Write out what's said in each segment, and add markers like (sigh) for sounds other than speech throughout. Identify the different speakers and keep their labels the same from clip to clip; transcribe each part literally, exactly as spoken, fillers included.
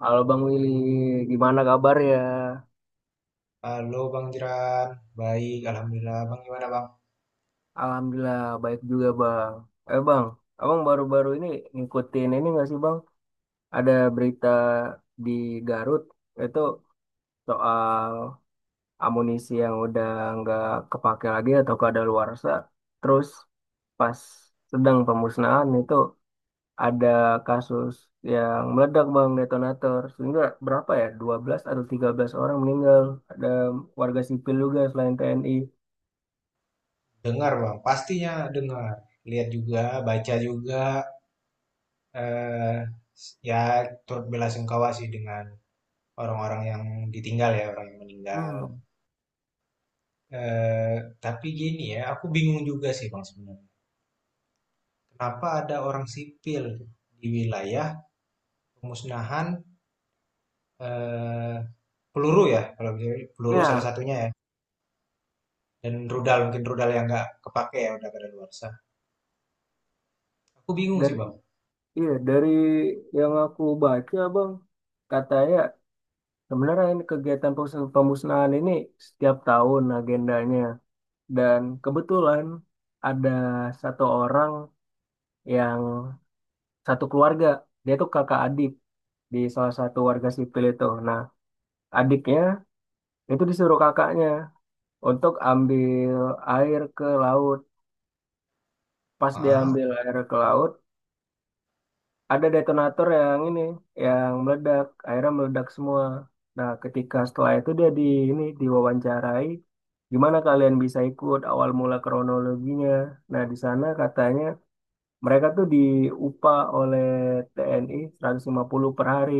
Speaker 1: Halo Bang Willy, gimana kabar ya?
Speaker 2: Halo Bang Jeran, baik Alhamdulillah. Bang gimana Bang?
Speaker 1: Alhamdulillah baik juga Bang. Eh Bang, Abang baru-baru ini ngikutin ini nggak sih Bang? Ada berita di Garut itu soal amunisi yang udah nggak kepake lagi atau kadaluarsa. Terus pas sedang pemusnahan itu ada kasus yang meledak Bang detonator. Sehingga berapa ya? Dua belas atau tiga belas orang meninggal. Ada warga sipil juga selain T N I.
Speaker 2: Dengar Bang, pastinya dengar. Lihat juga, baca juga. Eh, ya turut bela sungkawa sih dengan orang-orang yang ditinggal ya, orang yang meninggal.
Speaker 1: Hmm.
Speaker 2: Eh, tapi gini ya, aku bingung juga sih Bang sebenarnya. Kenapa ada orang sipil di wilayah pemusnahan, eh, peluru ya, kalau bisa peluru salah
Speaker 1: Iya,
Speaker 2: satunya ya. Dan rudal, mungkin rudal yang nggak kepake ya, udah kadaluarsa. Aku bingung sih
Speaker 1: dari
Speaker 2: Bang.
Speaker 1: iya, dari yang aku baca, Bang, katanya sebenarnya ini kegiatan pemus- pemusnahan ini setiap tahun agendanya, dan kebetulan ada satu orang yang satu keluarga, dia tuh kakak adik di salah satu warga sipil itu. Nah, adiknya itu disuruh kakaknya untuk ambil air ke laut. Pas dia
Speaker 2: Ah,
Speaker 1: ambil air ke laut, ada detonator yang ini yang meledak akhirnya meledak semua. Nah, ketika setelah itu dia di ini diwawancarai gimana kalian bisa ikut awal mula kronologinya, nah di sana katanya mereka tuh diupah oleh T N I seratus lima puluh per hari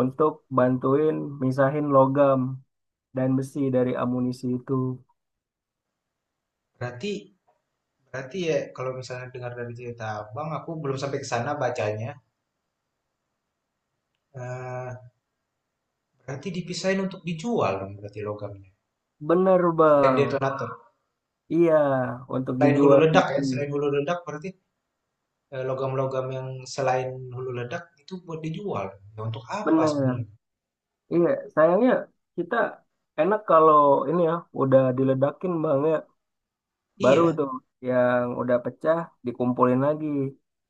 Speaker 1: untuk bantuin misahin logam dan besi dari amunisi itu.
Speaker 2: Berarti berarti ya kalau misalnya dengar dari cerita Abang, aku belum sampai ke sana bacanya. Eh, berarti dipisahin untuk dijual dong berarti logamnya.
Speaker 1: Bener
Speaker 2: Selain
Speaker 1: bang.
Speaker 2: detonator,
Speaker 1: Iya, untuk
Speaker 2: selain hulu
Speaker 1: dijual
Speaker 2: ledak ya,
Speaker 1: kembali.
Speaker 2: selain hulu ledak berarti, eh, logam-logam yang selain hulu ledak itu buat dijual. Ya, untuk apa
Speaker 1: Bener.
Speaker 2: sebenarnya?
Speaker 1: Iya, sayangnya kita enak kalau ini ya, udah diledakin bang ya, baru
Speaker 2: Iya.
Speaker 1: tuh yang udah pecah dikumpulin lagi.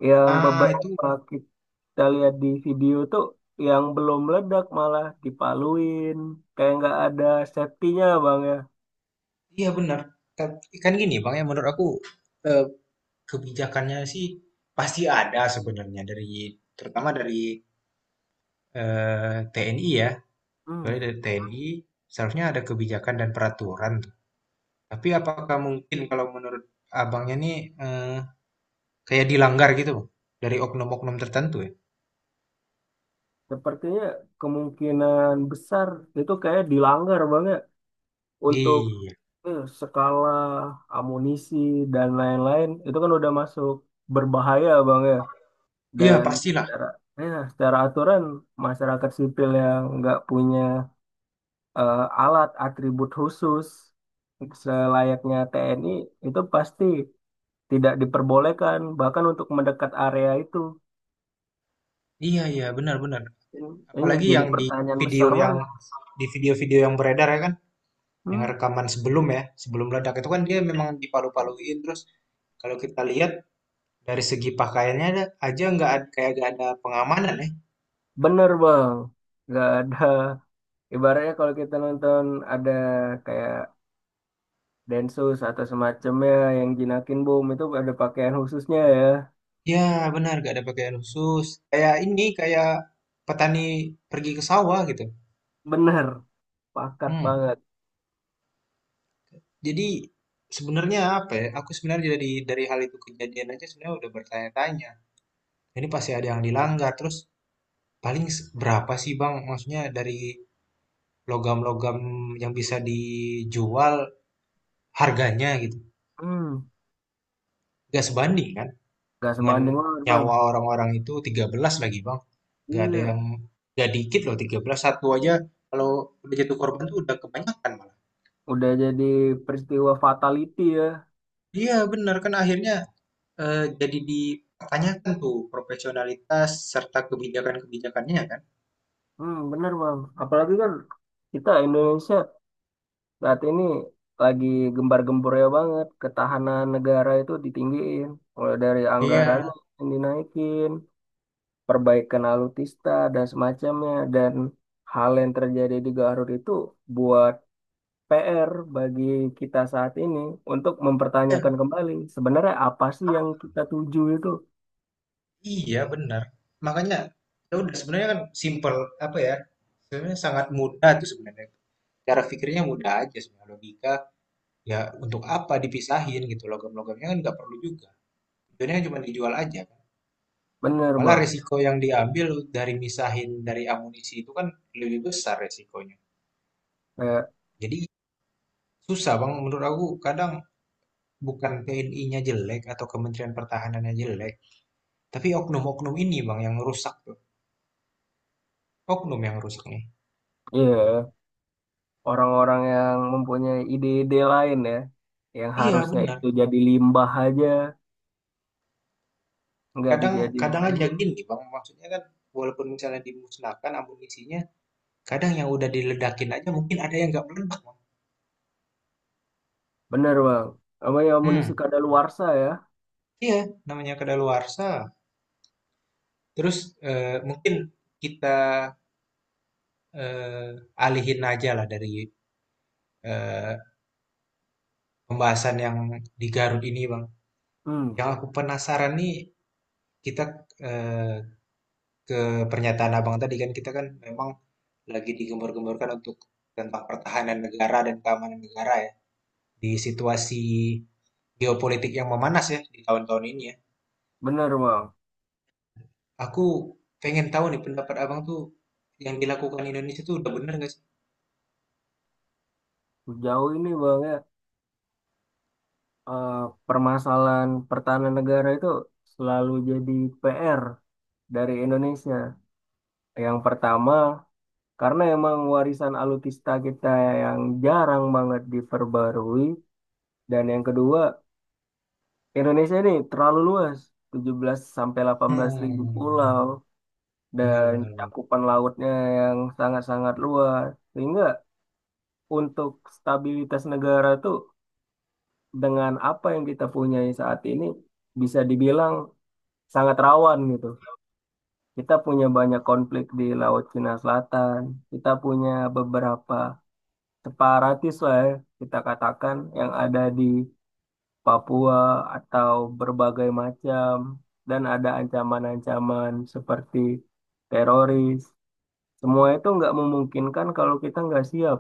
Speaker 1: Yang
Speaker 2: Ah, itu
Speaker 1: beberapa kita lihat di video tuh, yang belum meledak malah dipaluin, kayak nggak ada safety-nya bang ya.
Speaker 2: iya benar. Kan, kan gini Bang ya menurut aku, eh, kebijakannya sih pasti ada sebenarnya dari, terutama dari eh, T N I ya.
Speaker 1: Hmm,
Speaker 2: Kecuali dari T N I, seharusnya ada kebijakan dan peraturan. Tapi apakah mungkin kalau menurut abangnya nih, eh, kayak dilanggar gitu Bang? Dari oknum-oknum tertentu ya?
Speaker 1: Sepertinya kemungkinan besar itu kayak dilanggar bang ya untuk
Speaker 2: Iya,
Speaker 1: eh, skala amunisi dan lain-lain itu kan udah masuk berbahaya bang ya.
Speaker 2: iya
Speaker 1: Dan
Speaker 2: pastilah.
Speaker 1: secara, ya, secara aturan masyarakat sipil yang nggak punya eh, alat atribut khusus selayaknya T N I itu pasti tidak diperbolehkan bahkan untuk mendekat area itu.
Speaker 2: Iya iya benar-benar.
Speaker 1: Iya,
Speaker 2: Apalagi
Speaker 1: jadi
Speaker 2: yang di
Speaker 1: pertanyaan
Speaker 2: video
Speaker 1: besar
Speaker 2: yang
Speaker 1: banget.
Speaker 2: di video-video yang beredar ya kan, yang
Speaker 1: Hmm,
Speaker 2: rekaman sebelum ya, sebelum ledak itu kan dia memang dipalu-paluin terus, kalau kita lihat dari segi pakaiannya, ada- aja nggak ad- kayak nggak ada pengamanan ya.
Speaker 1: bener bang. Nggak ada, ibaratnya kalau kita nonton ada kayak Densus atau semacamnya yang jinakin bom itu ada pakaian khususnya ya.
Speaker 2: Ya, benar, gak ada pakaian khusus. Kayak ini, kayak petani pergi ke sawah gitu.
Speaker 1: Bener, pakat
Speaker 2: Hmm.
Speaker 1: banget.
Speaker 2: Jadi sebenarnya apa ya? Aku sebenarnya dari dari hal itu kejadian aja sebenarnya udah bertanya-tanya. Ini pasti ada yang dilanggar. Terus paling, s- berapa sih Bang? Maksudnya dari logam-logam yang bisa dijual harganya gitu.
Speaker 1: Hmm.
Speaker 2: Gak sebanding kan?
Speaker 1: Gak
Speaker 2: Dengan
Speaker 1: sebanding banget bang.
Speaker 2: nyawa orang-orang itu, tiga belas lagi Bang. Nggak ada
Speaker 1: Iya,
Speaker 2: yang, nggak dikit loh tiga belas satu aja, kalau udah jatuh korban tuh udah kebanyakan malah.
Speaker 1: udah jadi peristiwa fatality ya.
Speaker 2: Iya benar kan, akhirnya eh, jadi dipertanyakan tuh profesionalitas serta kebijakan-kebijakannya kan.
Speaker 1: Hmm, bener bang. Apalagi kan kita Indonesia saat ini lagi gembar-gembornya banget. Ketahanan negara itu ditinggiin. Mulai dari
Speaker 2: Iya,
Speaker 1: anggarannya yang dinaikin, perbaikan alutsista dan semacamnya. Dan hal yang terjadi di Garut itu buat P R bagi kita saat ini untuk mempertanyakan
Speaker 2: iya,
Speaker 1: kembali sebenarnya apa sih yang kita tuju itu.
Speaker 2: iya benar. Makanya ya udah sebenarnya kan simple, apa ya, sebenarnya sangat mudah tuh sebenarnya, cara pikirnya mudah aja sebenarnya, logika. Ya untuk apa dipisahin gitu logam-logamnya, kan nggak perlu juga. Tujuannya cuma dijual aja kan.
Speaker 1: Bener
Speaker 2: Malah
Speaker 1: bang,
Speaker 2: resiko yang diambil dari misahin dari amunisi itu kan lebih besar resikonya.
Speaker 1: kayak
Speaker 2: Jadi susah Bang menurut aku, kadang bukan T N I-nya jelek atau Kementerian Pertahanannya jelek, tapi oknum-oknum ini Bang yang rusak tuh. Oknum yang rusak nih.
Speaker 1: iya, orang-orang yang mempunyai ide-ide lain ya, yang
Speaker 2: Iya
Speaker 1: harusnya itu
Speaker 2: benar.
Speaker 1: jadi limbah aja, nggak
Speaker 2: Kadang
Speaker 1: dijadiin.
Speaker 2: kadang aja gini Bang, maksudnya kan walaupun misalnya dimusnahkan amunisinya, kadang yang udah diledakin aja mungkin ada yang nggak meledak Bang.
Speaker 1: Bener bang, apa ya amunisi
Speaker 2: Hmm,
Speaker 1: kadaluarsa ya?
Speaker 2: iya namanya kedaluarsa. Terus eh, mungkin kita eh, alihin aja lah dari eh, pembahasan yang di Garut ini, Bang.
Speaker 1: Hmm,
Speaker 2: Yang aku penasaran nih, kita, eh, ke pernyataan Abang tadi kan, kita kan memang lagi digembar-gemborkan untuk tentang pertahanan negara dan keamanan negara ya, di situasi geopolitik yang memanas ya di tahun-tahun ini ya.
Speaker 1: bener bang.
Speaker 2: Aku pengen tahu nih pendapat Abang tuh yang dilakukan Indonesia tuh udah bener nggak sih?
Speaker 1: Jauh ini bang ya, eh, permasalahan pertahanan negara itu selalu jadi P R dari Indonesia. Yang pertama, karena emang warisan alutsista kita yang jarang banget diperbarui, dan yang kedua, Indonesia ini terlalu luas, tujuh belas sampai delapan belas ribu
Speaker 2: Hmm,
Speaker 1: pulau,
Speaker 2: benar
Speaker 1: dan
Speaker 2: benar benar.
Speaker 1: cakupan lautnya yang sangat-sangat luas. Sehingga untuk stabilitas negara itu dengan apa yang kita punyai saat ini bisa dibilang sangat rawan gitu. Kita punya banyak konflik di Laut Cina Selatan, kita punya beberapa separatis lah ya, kita katakan yang ada di Papua atau berbagai macam, dan ada ancaman-ancaman seperti teroris. Semua itu nggak memungkinkan kalau kita nggak siap.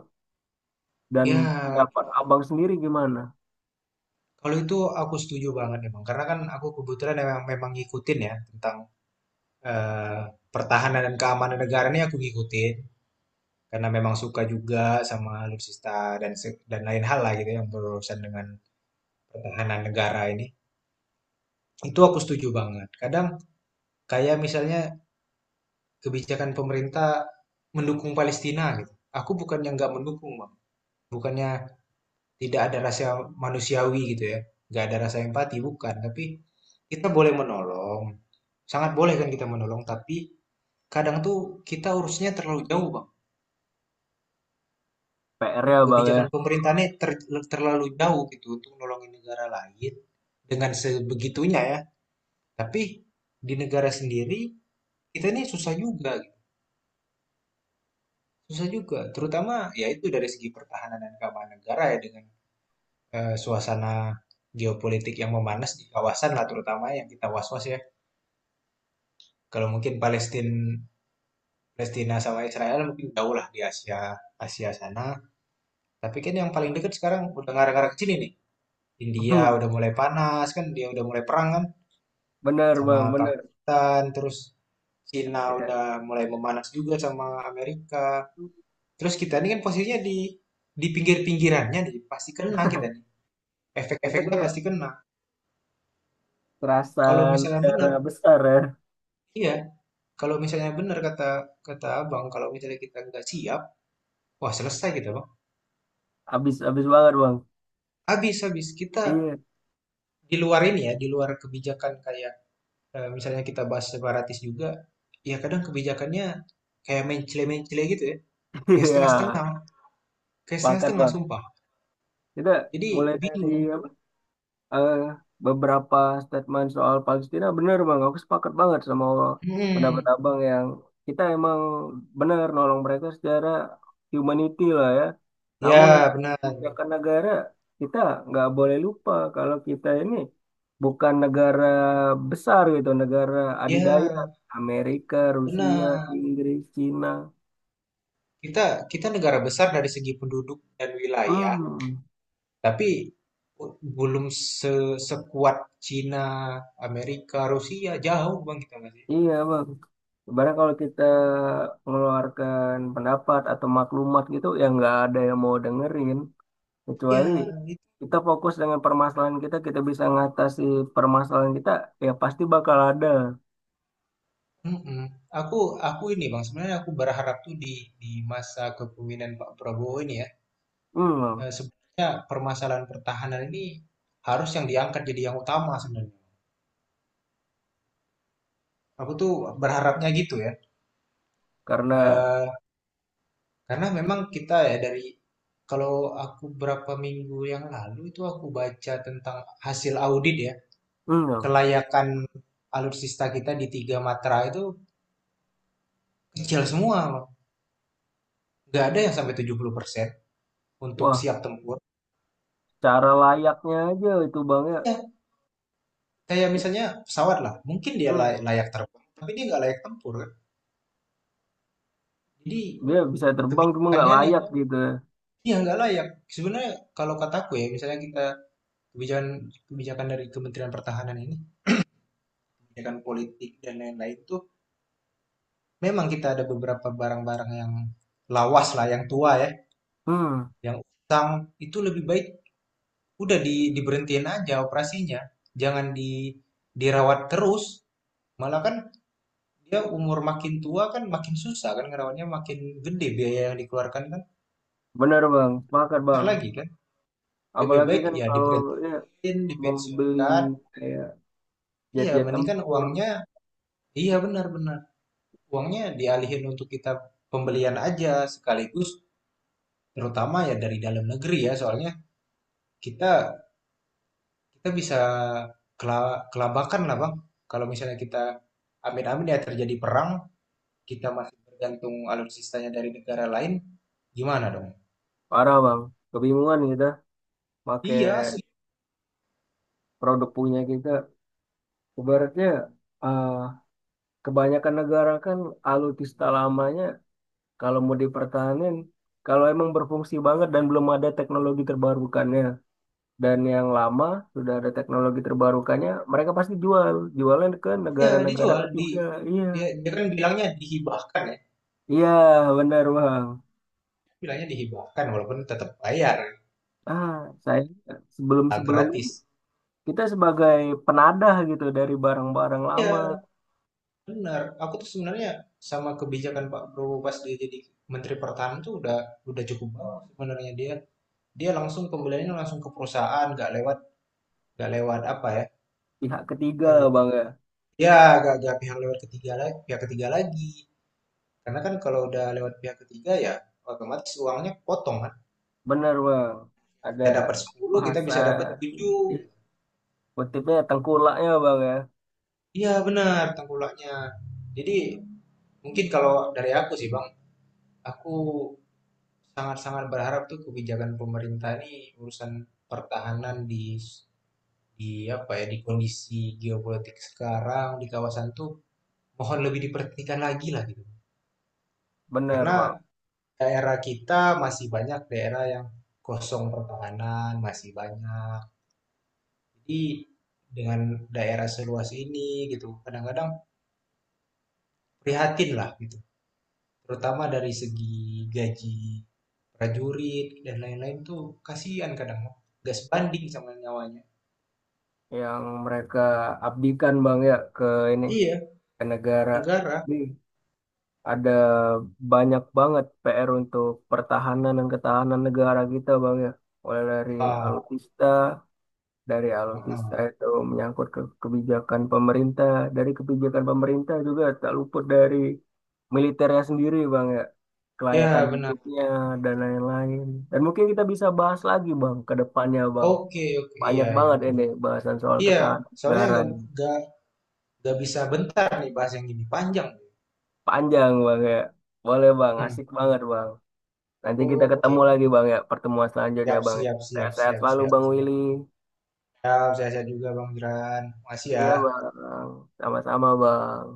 Speaker 1: Dan
Speaker 2: Ya.
Speaker 1: pendapat abang sendiri gimana?
Speaker 2: Kalau itu aku setuju banget emang, karena kan aku kebetulan memang, memang ngikutin ya tentang, eh, pertahanan dan keamanan negara ini aku ngikutin karena memang suka juga sama alutsista dan se- dan lain hal lah gitu yang berurusan dengan pertahanan negara ini. Itu aku setuju banget. Kadang kayak misalnya kebijakan pemerintah mendukung Palestina gitu. Aku bukannya nggak mendukung, Bang. Bukannya tidak ada rasa manusiawi gitu ya, nggak ada rasa empati, bukan. Tapi kita boleh menolong, sangat boleh kan kita menolong, tapi kadang tuh kita urusnya terlalu jauh, Bang.
Speaker 1: P R-nya bang ya.
Speaker 2: Kebijakan pemerintahnya ter- terlalu jauh gitu untuk nolongin negara lain dengan sebegitunya ya. Tapi di negara sendiri kita ini susah juga, gitu. Susah juga. Terutama ya itu dari segi pertahanan dan keamanan negara ya, dengan eh, suasana geopolitik yang memanas di kawasan lah, terutama yang kita was-was ya. Kalau mungkin Palestina Palestina sama Israel mungkin jauh lah di Asia Asia sana. Tapi kan yang paling dekat sekarang udah ngarah-ngarah ke sini nih. India
Speaker 1: (laughs)
Speaker 2: udah mulai panas kan, dia udah mulai perang kan
Speaker 1: Bener
Speaker 2: sama
Speaker 1: bang, bener.
Speaker 2: Pakistan, terus Cina
Speaker 1: Ya,
Speaker 2: udah mulai memanas juga sama Amerika. Terus kita ini kan posisinya di di pinggir-pinggirannya nih, pasti kena kita nih.
Speaker 1: kita
Speaker 2: Efek-efeknya
Speaker 1: kayak
Speaker 2: pasti kena.
Speaker 1: terasa
Speaker 2: Kalau misalnya benar,
Speaker 1: negara besar ya.
Speaker 2: iya. Kalau misalnya benar kata kata Abang, kalau misalnya kita nggak siap, wah selesai kita Bang.
Speaker 1: Abis-abis banget bang.
Speaker 2: Habis habis kita
Speaker 1: Iya,
Speaker 2: di luar ini ya, di luar kebijakan kayak, eh, misalnya kita bahas separatis juga, ya kadang kebijakannya kayak mencele-mencele gitu ya,
Speaker 1: (laughs)
Speaker 2: kayak
Speaker 1: iya,
Speaker 2: setengah-setengah, kayak
Speaker 1: pakat
Speaker 2: setengah-setengah
Speaker 1: bang.
Speaker 2: sumpah.
Speaker 1: Kita
Speaker 2: Jadi
Speaker 1: mulai dari
Speaker 2: bingung.
Speaker 1: apa? eh, Beberapa statement soal Palestina, bener bang, aku sepakat banget sama pendapat
Speaker 2: Hmm,
Speaker 1: abang yang kita emang benar nolong mereka secara humanity lah ya, namun
Speaker 2: ya
Speaker 1: untuk
Speaker 2: benar,
Speaker 1: kebijakan negara kita, nggak boleh lupa kalau kita ini bukan negara besar gitu, negara adidaya
Speaker 2: ya
Speaker 1: Amerika, Rusia,
Speaker 2: benar.
Speaker 1: Inggris, Cina.
Speaker 2: Kita kita negara besar dari segi penduduk dan wilayah,
Speaker 1: Hmm,
Speaker 2: tapi belum se sekuat Cina, Amerika, Rusia, jauh Bang kita masih.
Speaker 1: iya bang. Sebenarnya kalau kita mengeluarkan pendapat atau maklumat gitu ya nggak ada yang mau dengerin, kecuali
Speaker 2: Ya.
Speaker 1: kita fokus dengan permasalahan kita, kita bisa ngatasi permasalahan kita, ya pasti bakal ada.
Speaker 2: Mhm. Aku aku ini Bang, sebenarnya aku berharap tuh di di masa kepemimpinan Pak Prabowo ini ya,
Speaker 1: Hmm.
Speaker 2: eh, sebenarnya permasalahan pertahanan ini harus yang diangkat jadi yang utama sebenarnya. Aku tuh berharapnya gitu ya.
Speaker 1: Karena.
Speaker 2: Eh, karena memang kita ya dari, kalau aku berapa minggu yang lalu itu aku baca tentang hasil audit ya,
Speaker 1: Hmm.
Speaker 2: kelayakan alutsista kita di tiga matra itu kecil semua, Bang. Nggak ada yang sampai tujuh puluh persen untuk
Speaker 1: Wah,
Speaker 2: siap tempur.
Speaker 1: cara layaknya aja itu bang ya.
Speaker 2: Ya, kayak
Speaker 1: It-
Speaker 2: misalnya pesawat lah mungkin dia
Speaker 1: hmm,
Speaker 2: lay- layak terbang tapi dia nggak layak tempur kan. Jadi
Speaker 1: Dia bisa terbang cuma nggak
Speaker 2: kebijakannya nih
Speaker 1: layak gitu ya.
Speaker 2: dia nggak layak sebenarnya, kalau kataku ya misalnya kita kebijakan kebijakan dari Kementerian Pertahanan ini, kebijakan politik dan lain-lain itu, memang kita ada beberapa barang-barang yang lawas lah yang tua ya
Speaker 1: Hmm,
Speaker 2: yang utang itu lebih baik udah di diberhentiin aja operasinya, jangan di dirawat terus, malah kan dia umur makin tua kan makin susah kan ngerawannya makin gede biaya yang dikeluarkan kan
Speaker 1: benar bang, sepakat
Speaker 2: besar
Speaker 1: bang,
Speaker 2: lagi kan, lebih
Speaker 1: apalagi
Speaker 2: baik
Speaker 1: kan
Speaker 2: ya
Speaker 1: kalau ya
Speaker 2: diberhentiin
Speaker 1: mau beli
Speaker 2: dipensiunkan.
Speaker 1: kayak
Speaker 2: Iya
Speaker 1: jet-jet
Speaker 2: mending kan
Speaker 1: tempur.
Speaker 2: uangnya. Iya benar-benar uangnya dialihin untuk kita pembelian aja sekaligus, terutama ya dari dalam negeri ya soalnya kita kita bisa kela- kelabakan lah Bang, kalau misalnya kita amin-amin ya terjadi perang kita masih bergantung alutsistanya dari negara lain, gimana dong.
Speaker 1: Parah bang, kebingungan kita pakai
Speaker 2: Iya,
Speaker 1: produk punya kita. Ibaratnya eh, kebanyakan negara kan alutsista lamanya kalau mau dipertahanin, kalau emang berfungsi banget dan belum ada teknologi terbarukannya, dan yang lama sudah ada teknologi terbarukannya, mereka pasti jual, jualnya ke
Speaker 2: ya
Speaker 1: negara-negara
Speaker 2: dijual di
Speaker 1: ketiga. Iya,
Speaker 2: ya dia kan bilangnya dihibahkan ya.
Speaker 1: iya benar bang.
Speaker 2: Bilangnya dihibahkan walaupun tetap bayar,
Speaker 1: Ah, saya
Speaker 2: nggak
Speaker 1: sebelum-sebelum ini
Speaker 2: gratis.
Speaker 1: kita sebagai penadah gitu dari barang-barang lama,
Speaker 2: Ya benar. Aku tuh sebenarnya sama kebijakan Pak Prabowo pas dia jadi Menteri Pertahanan tuh udah udah cukup banget sebenarnya dia. Dia langsung pembeliannya langsung ke perusahaan, nggak lewat, nggak lewat apa ya?
Speaker 1: pihak ketiga
Speaker 2: Eh,
Speaker 1: bang ya.
Speaker 2: ya nggak nggak pihak lewat ketiga lagi, pihak ketiga lagi. Karena kan kalau udah lewat pihak ketiga ya otomatis uangnya potong kan.
Speaker 1: Bener bang, ada
Speaker 2: Kita dapat sepuluh, kita
Speaker 1: bahasa
Speaker 2: bisa dapat tujuh.
Speaker 1: kutipnya tengkulaknya bang ya,
Speaker 2: Iya benar tengkulaknya. Jadi mungkin kalau dari aku sih Bang, aku sangat-sangat berharap tuh kebijakan pemerintah ini, urusan pertahanan di di apa ya, di kondisi geopolitik sekarang di kawasan tuh mohon lebih diperhatikan lagi lah gitu.
Speaker 1: bener
Speaker 2: Karena
Speaker 1: bang,
Speaker 2: daerah kita masih banyak daerah yang kosong pertahanan, masih banyak. Jadi dengan daerah seluas ini gitu, kadang-kadang prihatin lah gitu, terutama dari segi gaji prajurit dan lain-lain tuh kasihan kadang gas banding sama nyawanya.
Speaker 1: yang mereka abdikan bang ya ke ini
Speaker 2: Iya.
Speaker 1: ke negara.
Speaker 2: Negara.
Speaker 1: Ini ada banyak banget P R untuk pertahanan dan ketahanan negara kita bang ya, mulai dari
Speaker 2: Ah,
Speaker 1: alutsista, dari
Speaker 2: heeh.
Speaker 1: alutsista itu menyangkut ke kebijakan pemerintah, dari kebijakan pemerintah juga tak luput dari militernya sendiri bang ya, kelayakan
Speaker 2: Ya benar.
Speaker 1: hidupnya dan lain-lain. Dan mungkin kita bisa bahas lagi Bang ke depannya Bang.
Speaker 2: Oke, oke,
Speaker 1: Banyak
Speaker 2: iya, iya,
Speaker 1: banget ini bahasan soal
Speaker 2: iya soalnya
Speaker 1: ketahanan.
Speaker 2: gak, gak, gak bisa bentar nih bahas yang gini panjang.
Speaker 1: Panjang Bang ya. Boleh Bang,
Speaker 2: Hmm,
Speaker 1: asik banget Bang. Nanti kita
Speaker 2: oke.
Speaker 1: ketemu lagi Bang ya, pertemuan selanjutnya
Speaker 2: Siap
Speaker 1: Bang ya.
Speaker 2: siap siap
Speaker 1: Sehat-sehat
Speaker 2: siap
Speaker 1: selalu
Speaker 2: siap
Speaker 1: Bang
Speaker 2: siap.
Speaker 1: Willy.
Speaker 2: Siap saya juga Bang Jiran, makasih
Speaker 1: Iya
Speaker 2: ya.
Speaker 1: Bang, sama-sama Bang.